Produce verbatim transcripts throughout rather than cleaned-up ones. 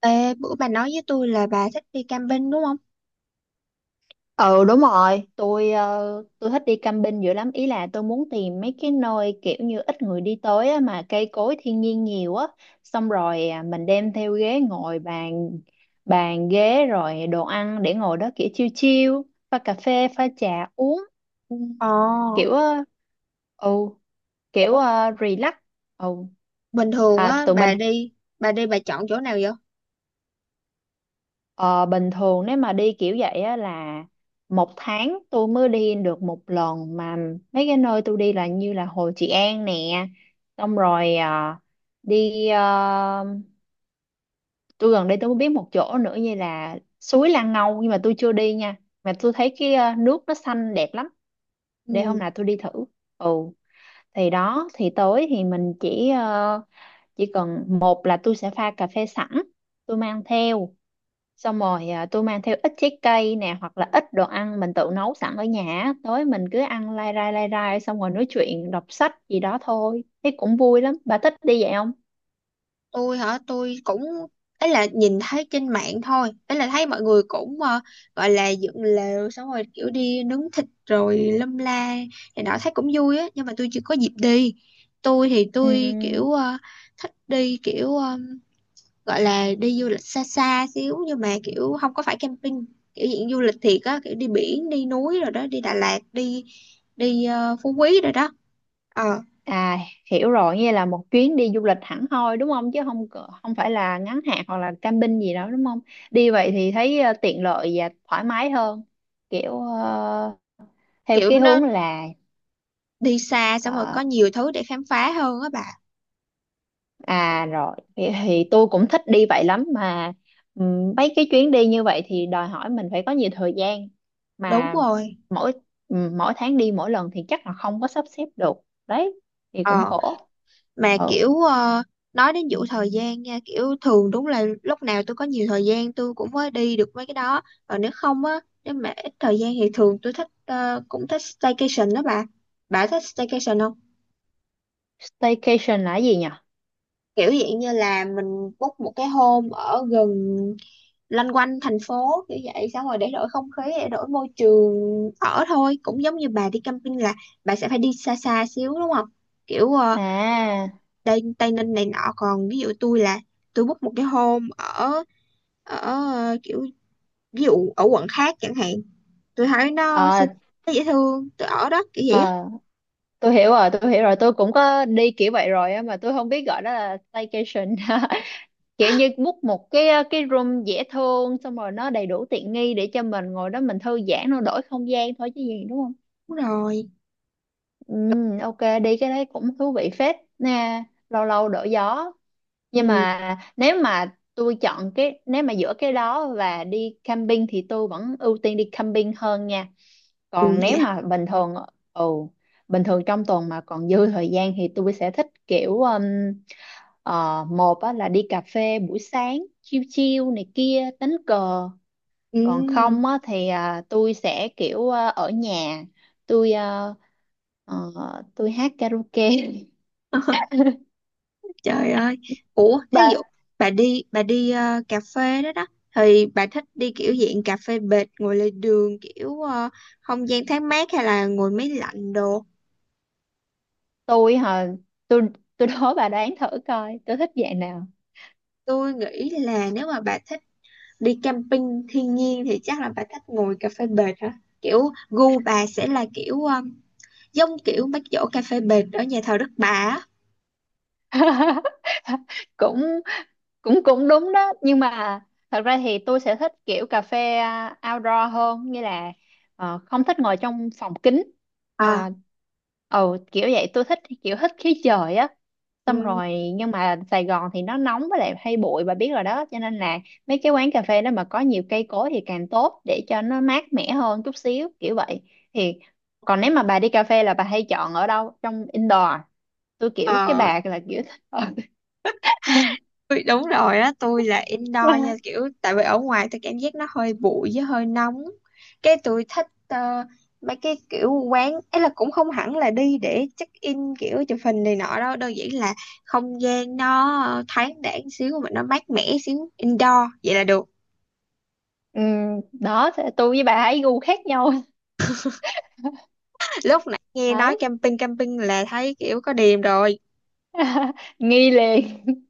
Ê, bữa bà nói với tôi là bà thích đi camping đúng không? Ừ đúng rồi, tôi ờ, tôi thích đi camping dữ lắm. Ý là tôi muốn tìm mấy cái nơi kiểu như ít người đi tới á, mà cây cối thiên nhiên nhiều á, xong rồi à, mình đem theo ghế ngồi bàn bàn ghế rồi đồ ăn để ngồi đó kiểu chill chill, pha cà phê, pha trà uống. Ừ. Ồ, Kiểu ờ, ừ, kiểu ủa, ờ, relax. Ừ. bình thường À, á, tụi mình. bà đi, bà đi bà chọn chỗ nào vậy? Ờ, bình thường nếu mà đi kiểu vậy á là một tháng tôi mới đi được một lần, mà mấy cái nơi tôi đi là như là Hồ Trị An nè, xong rồi ờ, đi ờ, tôi gần đây tôi mới biết một chỗ nữa như là suối Lan Ngâu, nhưng mà tôi chưa đi nha. Mà tôi thấy cái ờ, nước nó xanh đẹp lắm, để Ừ, hôm nào tôi đi thử. Ừ, thì đó thì tối thì mình chỉ ờ, chỉ cần một là tôi sẽ pha cà phê sẵn tôi mang theo, xong rồi à, tôi mang theo ít trái cây nè, hoặc là ít đồ ăn mình tự nấu sẵn ở nhà á. Tối mình cứ ăn lai rai lai rai xong rồi nói chuyện đọc sách gì đó thôi, thấy cũng vui lắm. Bà thích đi vậy không? tôi hả, tôi cũng, ấy là nhìn thấy trên mạng thôi, ấy là thấy mọi người cũng ờ, gọi là dựng lều xong rồi kiểu đi nướng thịt rồi lâm la, thì đó thấy cũng vui á, nhưng mà tôi chưa có dịp đi. Tôi thì tôi Ừm, kiểu ờ, thích đi kiểu ờ, gọi là đi du lịch xa xa xíu nhưng mà kiểu không có phải camping, kiểu diện du lịch thiệt á, kiểu đi biển đi núi rồi đó đi Đà Lạt đi đi ờ, Phú Quý rồi đó. Ờ, à, hiểu rồi, như là một chuyến đi du lịch hẳn hoi đúng không, chứ không cỡ- không phải là ngắn hạn hoặc là camping gì đó đúng không. Đi vậy thì thấy ờ, tiện lợi và thoải mái hơn, kiểu ờ, theo kiểu cái nó hướng là đi xa xong rồi có ờ, nhiều thứ để khám phá hơn á bà. À rồi, thì, thì tôi cũng thích đi vậy lắm, mà ừm, mấy cái chuyến đi như vậy thì đòi hỏi mình phải có nhiều thời gian Đúng mà. rồi. Mỗi ừm, Mỗi tháng đi mỗi lần thì chắc là không có sắp xếp được. Đấy, thì cũng Ờ, khổ. mà Ừ, kiểu ờ, nói đến vụ thời gian nha, kiểu thường đúng là lúc nào tôi có nhiều thời gian tôi cũng mới đi được mấy cái đó, còn nếu không á, nếu mà ít thời gian thì thường tôi thích ờ, cũng thích staycation đó bà. Bà thích staycation không? staycation là cái gì nhỉ? Kiểu dạng như là mình book một cái hôm ở gần loanh quanh thành phố kiểu vậy, xong rồi để đổi không khí, để đổi môi trường. Ở thôi cũng giống như bà đi camping là bà sẽ phải đi xa xa xíu đúng không? kiểu ờ, À, Tây Tây Ninh này nọ, còn ví dụ tôi là tôi book một cái hôm ở ở ờ, kiểu ví dụ ở quận khác chẳng hạn, tôi thấy nó ờ, xinh, nó dễ thương tôi ở đó kiểu vậy á. ờ, tôi hiểu rồi, tôi hiểu rồi, tôi cũng có đi kiểu vậy rồi á, mà tôi không biết gọi đó là staycation. Kiểu như book một cái ờ, cái room dễ thương, xong rồi nó đầy đủ tiện nghi để cho mình ngồi đó mình thư giãn, nó đổi không gian thôi chứ gì, đúng không? Đúng rồi. Ừ, ok, đi cái đấy cũng thú vị phết nè, lâu lâu đổi gió. Nhưng Ừ, mà nếu mà tôi chọn cái nếu mà giữa cái đó và đi camping thì tôi vẫn ưu tiên đi camping hơn nha. ừ, Còn nếu dạ, mà bình thường, ừ, bình thường trong tuần mà còn dư thời gian thì tôi sẽ thích kiểu um, ờ, một á, là đi cà phê buổi sáng chill chill này kia đánh cờ. ừ. Còn không á, thì à, tôi sẽ kiểu à, ở nhà, tôi à, ờ, tôi hát karaoke. Trời ơi. Ủa, thí Bà. dụ bà đi bà đi ờ, cà phê đó đó, thì bà thích đi kiểu dạng cà phê bệt ngồi lề đường kiểu ờ, không gian thoáng mát hay là ngồi máy lạnh đồ. Tôi hả tôi tôi đố bà đoán thử coi tôi thích dạng nào. Tôi nghĩ là nếu mà bà thích đi camping thiên nhiên thì chắc là bà thích ngồi cà phê bệt hả? Kiểu gu bà sẽ là kiểu ờ, giống kiểu bác giỗ cà phê bệt ở nhà thờ Đức Bà á. cũng cũng cũng đúng đó, nhưng mà thật ra thì tôi sẽ thích kiểu cà phê à, outdoor hơn, như là ờ, không thích ngồi trong phòng kính. Ờ. À, ừ, kiểu vậy, tôi thích kiểu thích khí trời á. Xong Ừ. rồi, nhưng mà Sài Gòn thì nó nóng với lại hay bụi bà biết rồi đó, cho nên là mấy cái quán cà phê đó mà có nhiều cây cối thì càng tốt, để cho nó mát mẻ hơn chút xíu kiểu vậy. Thì còn nếu mà bà đi cà phê là bà hay chọn ở đâu, trong indoor? Tôi kiểu cái Ờ. bà là kiểu thích ở. Ui, đúng rồi á, tôi là indoor nha, kiểu tại vì ở ngoài tôi cảm giác nó hơi bụi với hơi nóng. Cái tôi thích ờ, mấy cái kiểu quán ấy là cũng không hẳn là đi để check in kiểu chụp hình này nọ đâu, đơn giản là không gian nó ờ, thoáng đãng xíu mà nó mát mẻ xíu, indoor vậy là được. Ừ, đó, thế tôi với bà ấy gu khác nhau. Lúc nãy nghe nói Đấy. camping camping là thấy kiểu có điềm rồi. Nghi liền.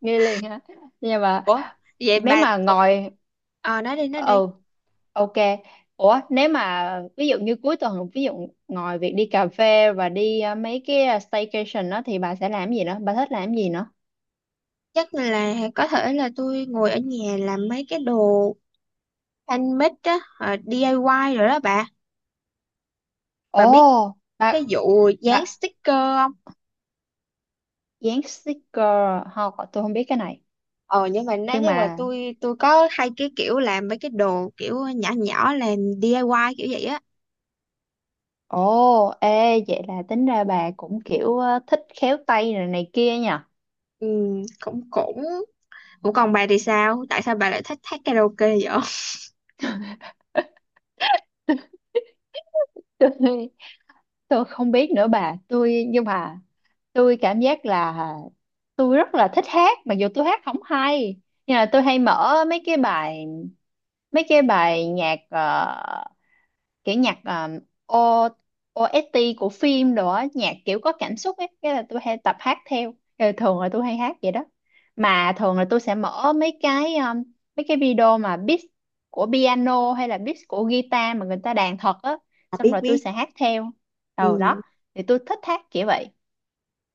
Nghi liền hả? Nhưng mà Ủa vậy nếu bà. mà Ồ, ngồi, ờ, nói đi nói đi. ừ, ok, ủa nếu mà ví dụ như cuối tuần, ví dụ ngồi việc đi cà phê và đi ờ, mấy cái ờ, staycation đó, thì bà sẽ làm gì nữa, bà thích làm gì nữa? Chắc là có thể là tôi ngồi ở nhà làm mấy cái đồ Thanh mít á, ờ, đê i y rồi đó bà. Bà biết Ồ, cái bà vụ dán bà sticker không? dán sticker không, tôi không biết cái này. Ờ, nhưng mà nói Nhưng chung là mà tôi tôi có hay cái kiểu làm mấy cái đồ kiểu nhỏ nhỏ, làm đê i y kiểu vậy á. ồ, ê, vậy là tính ra bà cũng kiểu ờ, thích khéo tay này này kia nhỉ. Ừ, cũng cũng cũng còn bà thì sao, tại sao bà lại thích hát karaoke vậy? Tôi tôi không biết nữa bà, tôi nhưng mà tôi cảm giác là tôi rất là thích hát, mặc dù tôi hát không hay. Nhưng là tôi hay mở mấy cái bài mấy cái bài nhạc ờ, kiểu nhạc um, O ô ét tê của phim đồ á, nhạc kiểu có cảm xúc ấy, cái là tôi hay tập hát theo. Ờ, thường là tôi hay hát vậy đó. Mà thường là tôi sẽ mở mấy cái um, mấy cái video mà beat của piano hay là beat của guitar mà người ta đàn thật á, xong rồi tôi sẽ hát theo đầu đó. Ừ. Thì tôi thích hát kiểu vậy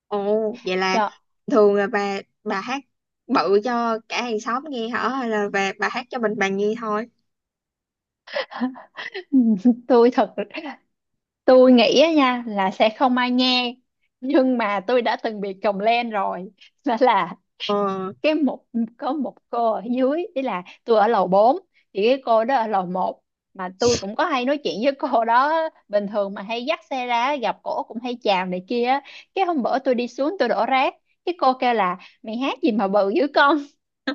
Ồ, vậy là cho. thường là bà bà hát bự cho cả hàng xóm nghe hả, hay là bà, bà hát cho mình bà nghe thôi? Tôi thật, tôi nghĩ á nha là sẽ không ai nghe, nhưng mà tôi đã từng bị còng len rồi. Đó là Ờ. cái một có một cô ở dưới, ý là tôi ở lầu bốn thì cái cô đó ở lầu một, mà tôi cũng có hay nói chuyện với cô đó bình thường, mà hay dắt xe ra gặp cổ cũng hay chào này kia á. Cái hôm bữa tôi đi xuống tôi đổ rác, cái cô kêu là mày hát gì mà bự dữ con,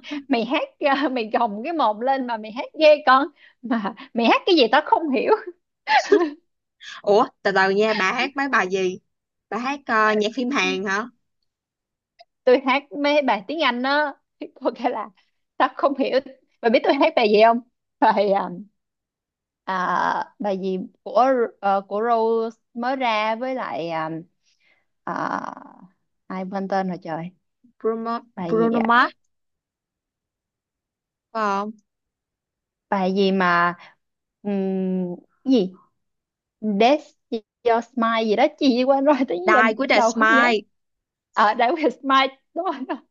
mày hát ờ, mày gồng cái mồm lên mà mày hát ghê con, mà mày hát cái gì tao không hiểu. Ủa từ từ nha, bà hát mấy bài gì? Bà hát ờ, nhạc phim Hàn hả? Tôi hát mấy bài tiếng Anh đó, có cái là tao không hiểu. Bà biết tôi hát bài gì không? bài à, à, Bài gì của ờ, của Rose mới ra, với lại à, à, ai quên tên rồi trời. Bruno, Bài gì Bruno ạ? Mars phải không? Bài gì mà ừm, cái gì That's Your Smile gì đó chị quên rồi tới giờ. Die with a Đầu không nhớ. Smile. Ở, That Was Smile, đúng rồi đó.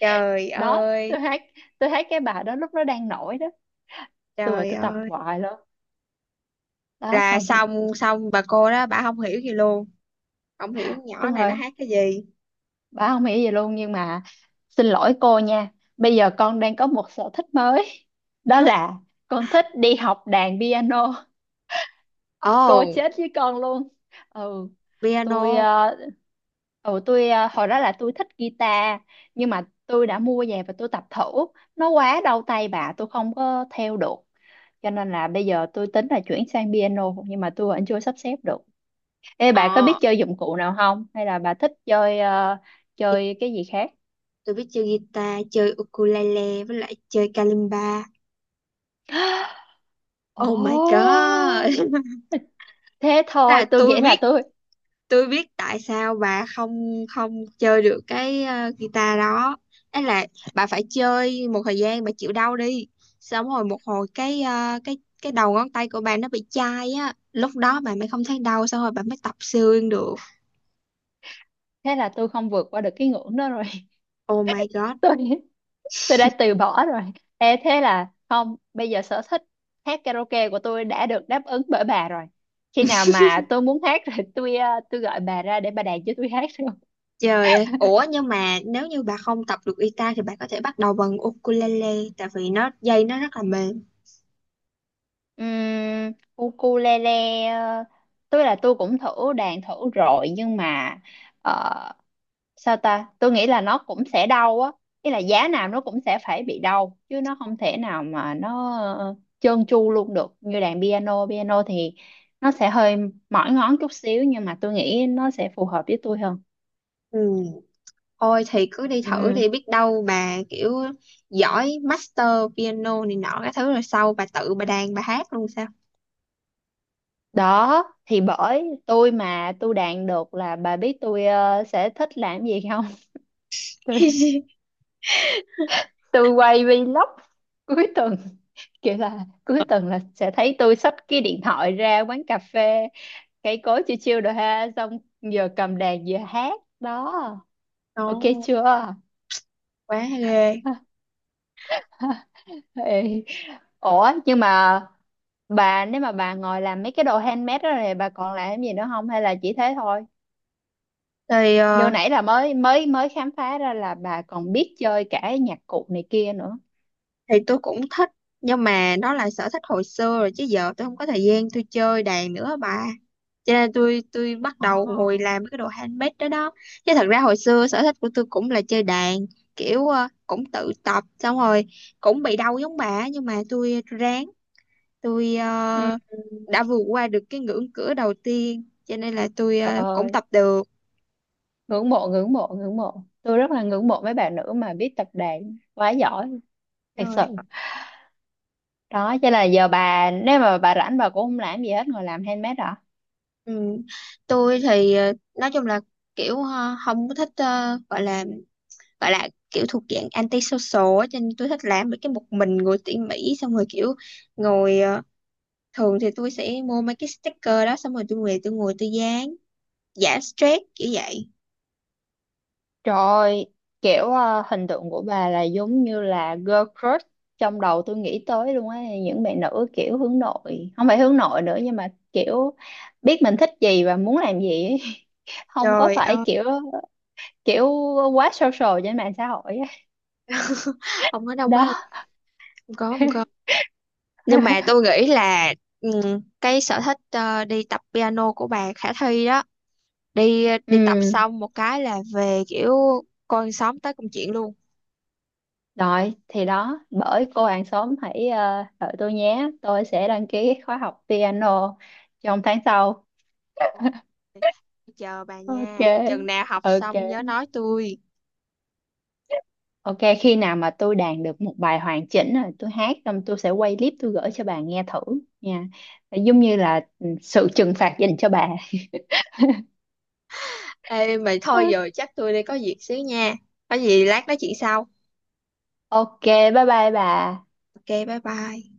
Trời Đó ơi. tôi hát, tôi hát cái bài đó lúc nó đang nổi đó. tôi ở Trời tôi tập ơi. hoài luôn. Đó Là xong. xong xong bà cô đó bà không hiểu gì luôn, không hiểu nhỏ Đúng này nó rồi, hát cái gì. bà không nghĩ gì luôn. Nhưng mà xin lỗi cô nha, bây giờ con đang có một sở thích mới, đó là con thích đi học đàn piano, cô Oh. chết với con luôn. Ừ, tôi Piano. ờ, ừ tôi ờ, hồi đó là tôi thích guitar, nhưng mà tôi đã mua về và tôi tập thử, nó quá đau tay bà, tôi không có theo được. Cho nên là bây giờ tôi tính là chuyển sang piano, nhưng mà tôi vẫn chưa sắp xếp được. Ê bà có Ờ, biết chơi dụng cụ nào không? Hay là bà thích chơi ờ, chơi cái gì khác? tôi biết chơi guitar, chơi ukulele, với lại chơi kalimba. Oh my Ồ, god. thế thôi, Là tôi tôi nghĩ là biết, tôi. tôi biết tại sao bà không không chơi được cái ờ, guitar đó. Ấy là bà phải chơi một thời gian, bà chịu đau đi, xong rồi một hồi cái ờ, cái cái đầu ngón tay của bà nó bị chai á, lúc đó bà mới không thấy đau, xong rồi bà mới tập xương được. Thế là tôi không vượt qua được cái ngưỡng đó rồi. Oh my god. Tôi tôi đã từ bỏ rồi. Ê, thế là không, bây giờ sở thích hát karaoke của tôi đã được đáp ứng bởi bà rồi. Khi nào mà tôi muốn hát rồi, tôi ờ, tôi gọi bà ra để bà đàn cho tôi hát rồi. Trời ơi. Ủa nhưng mà nếu như bà không tập được guitar thì bà có thể bắt đầu bằng ukulele, tại vì nó dây nó rất là mềm. Uhm, ukulele, ờ, tôi là tôi cũng thử đàn thử rồi, nhưng mà sao ta, tôi nghĩ là nó cũng sẽ đau á. Ý là giá nào nó cũng sẽ phải bị đau chứ, nó không thể nào mà nó ờ, trơn tru luôn được. Như đàn piano piano thì nó sẽ hơi mỏi ngón chút xíu, nhưng mà tôi nghĩ nó sẽ phù hợp với tôi hơn. Ừ. Ôi thì cứ đi thử Ừ. đi, biết đâu bà kiểu giỏi master piano này nọ cái thứ, rồi sau bà tự bà đàn bà hát luôn sao. Đó thì bởi tôi mà tôi đàn được là bà biết tôi ờ, sẽ thích làm gì không? tôi tôi quay vlog cuối tuần, kiểu là cuối tuần là sẽ thấy tôi xách cái điện thoại ra quán cà phê cây cối chiêu chiêu rồi ha, xong vừa cầm đàn vừa hát đó. Ok Đó, chưa? quá ghê. Ê, ủa nhưng mà bà nếu mà bà ngồi làm mấy cái đồ handmade đó này bà còn làm cái gì nữa không, hay là chỉ thế thôi? Thì Như ờ, nãy là mới mới mới khám phá ra là bà còn biết chơi cả nhạc cụ này kia nữa. thì tôi cũng thích, nhưng mà đó là sở thích hồi xưa rồi, chứ giờ tôi không có thời gian tôi chơi đàn nữa bà. Cho nên tôi tôi bắt đầu ngồi Ồ. làm cái đồ handmade đó đó. Chứ thật ra hồi xưa sở thích của tôi cũng là chơi đàn, kiểu ờ, cũng tự tập xong rồi cũng bị đau giống bà, nhưng mà tôi ráng, tôi Ừ, ờ, đã vượt qua được cái ngưỡng cửa đầu tiên, cho nên là tôi trời ờ, cũng ơi, tập được ngưỡng mộ ngưỡng mộ ngưỡng mộ, tôi rất là ngưỡng mộ mấy bạn nữ mà biết tập đàn quá giỏi, thật sự. rồi. Đó cho nên là giờ bà nếu mà bà rảnh bà cũng không làm gì hết, ngồi làm handmade hả? Ừ. Tôi thì ờ, nói chung là kiểu ờ, không có thích, ờ, gọi là gọi là kiểu thuộc dạng anti-social á, cho nên tôi thích làm mấy cái một mình ngồi tỉ mỉ, xong rồi kiểu ngồi ờ, thường thì tôi sẽ mua mấy cái sticker đó, xong rồi tôi về tôi ngồi tôi dán, giải stress kiểu vậy. Trời ơi, kiểu ờ, hình tượng của bà là giống như là girl crush trong đầu tôi, nghĩ tới luôn á, những bạn nữ kiểu hướng nội, không phải hướng nội nữa nhưng mà kiểu biết mình thích gì và muốn làm gì ấy. Không có Trời phải ơi. kiểu kiểu quá social trên mạng xã hội á. Không có đâu má. Đó. Không có không có Nhưng mà tôi nghĩ là ừm, cái sở thích ờ, đi tập piano của bà khả thi đó. Đi đi tập Ừ xong một cái là về kiểu coi con sóng tới công chuyện luôn. rồi, thì đó bởi cô hàng xóm hãy ờ, đợi tôi nhé, tôi sẽ đăng ký khóa học piano trong tháng sau. Ok, chờ bà Ok, nha, chừng nào học ok, xong nhớ nói tôi. ok, khi nào mà tôi đàn được một bài hoàn chỉnh rồi tôi hát xong tôi sẽ quay clip tôi gửi cho bà nghe thử nha, giống như là ừ, sự trừng phạt dành cho bà. Ê mà thôi, giờ chắc tôi đi có việc xíu nha, có gì lát nói chuyện sau. Ok, bye bye bà. Ok bye bye.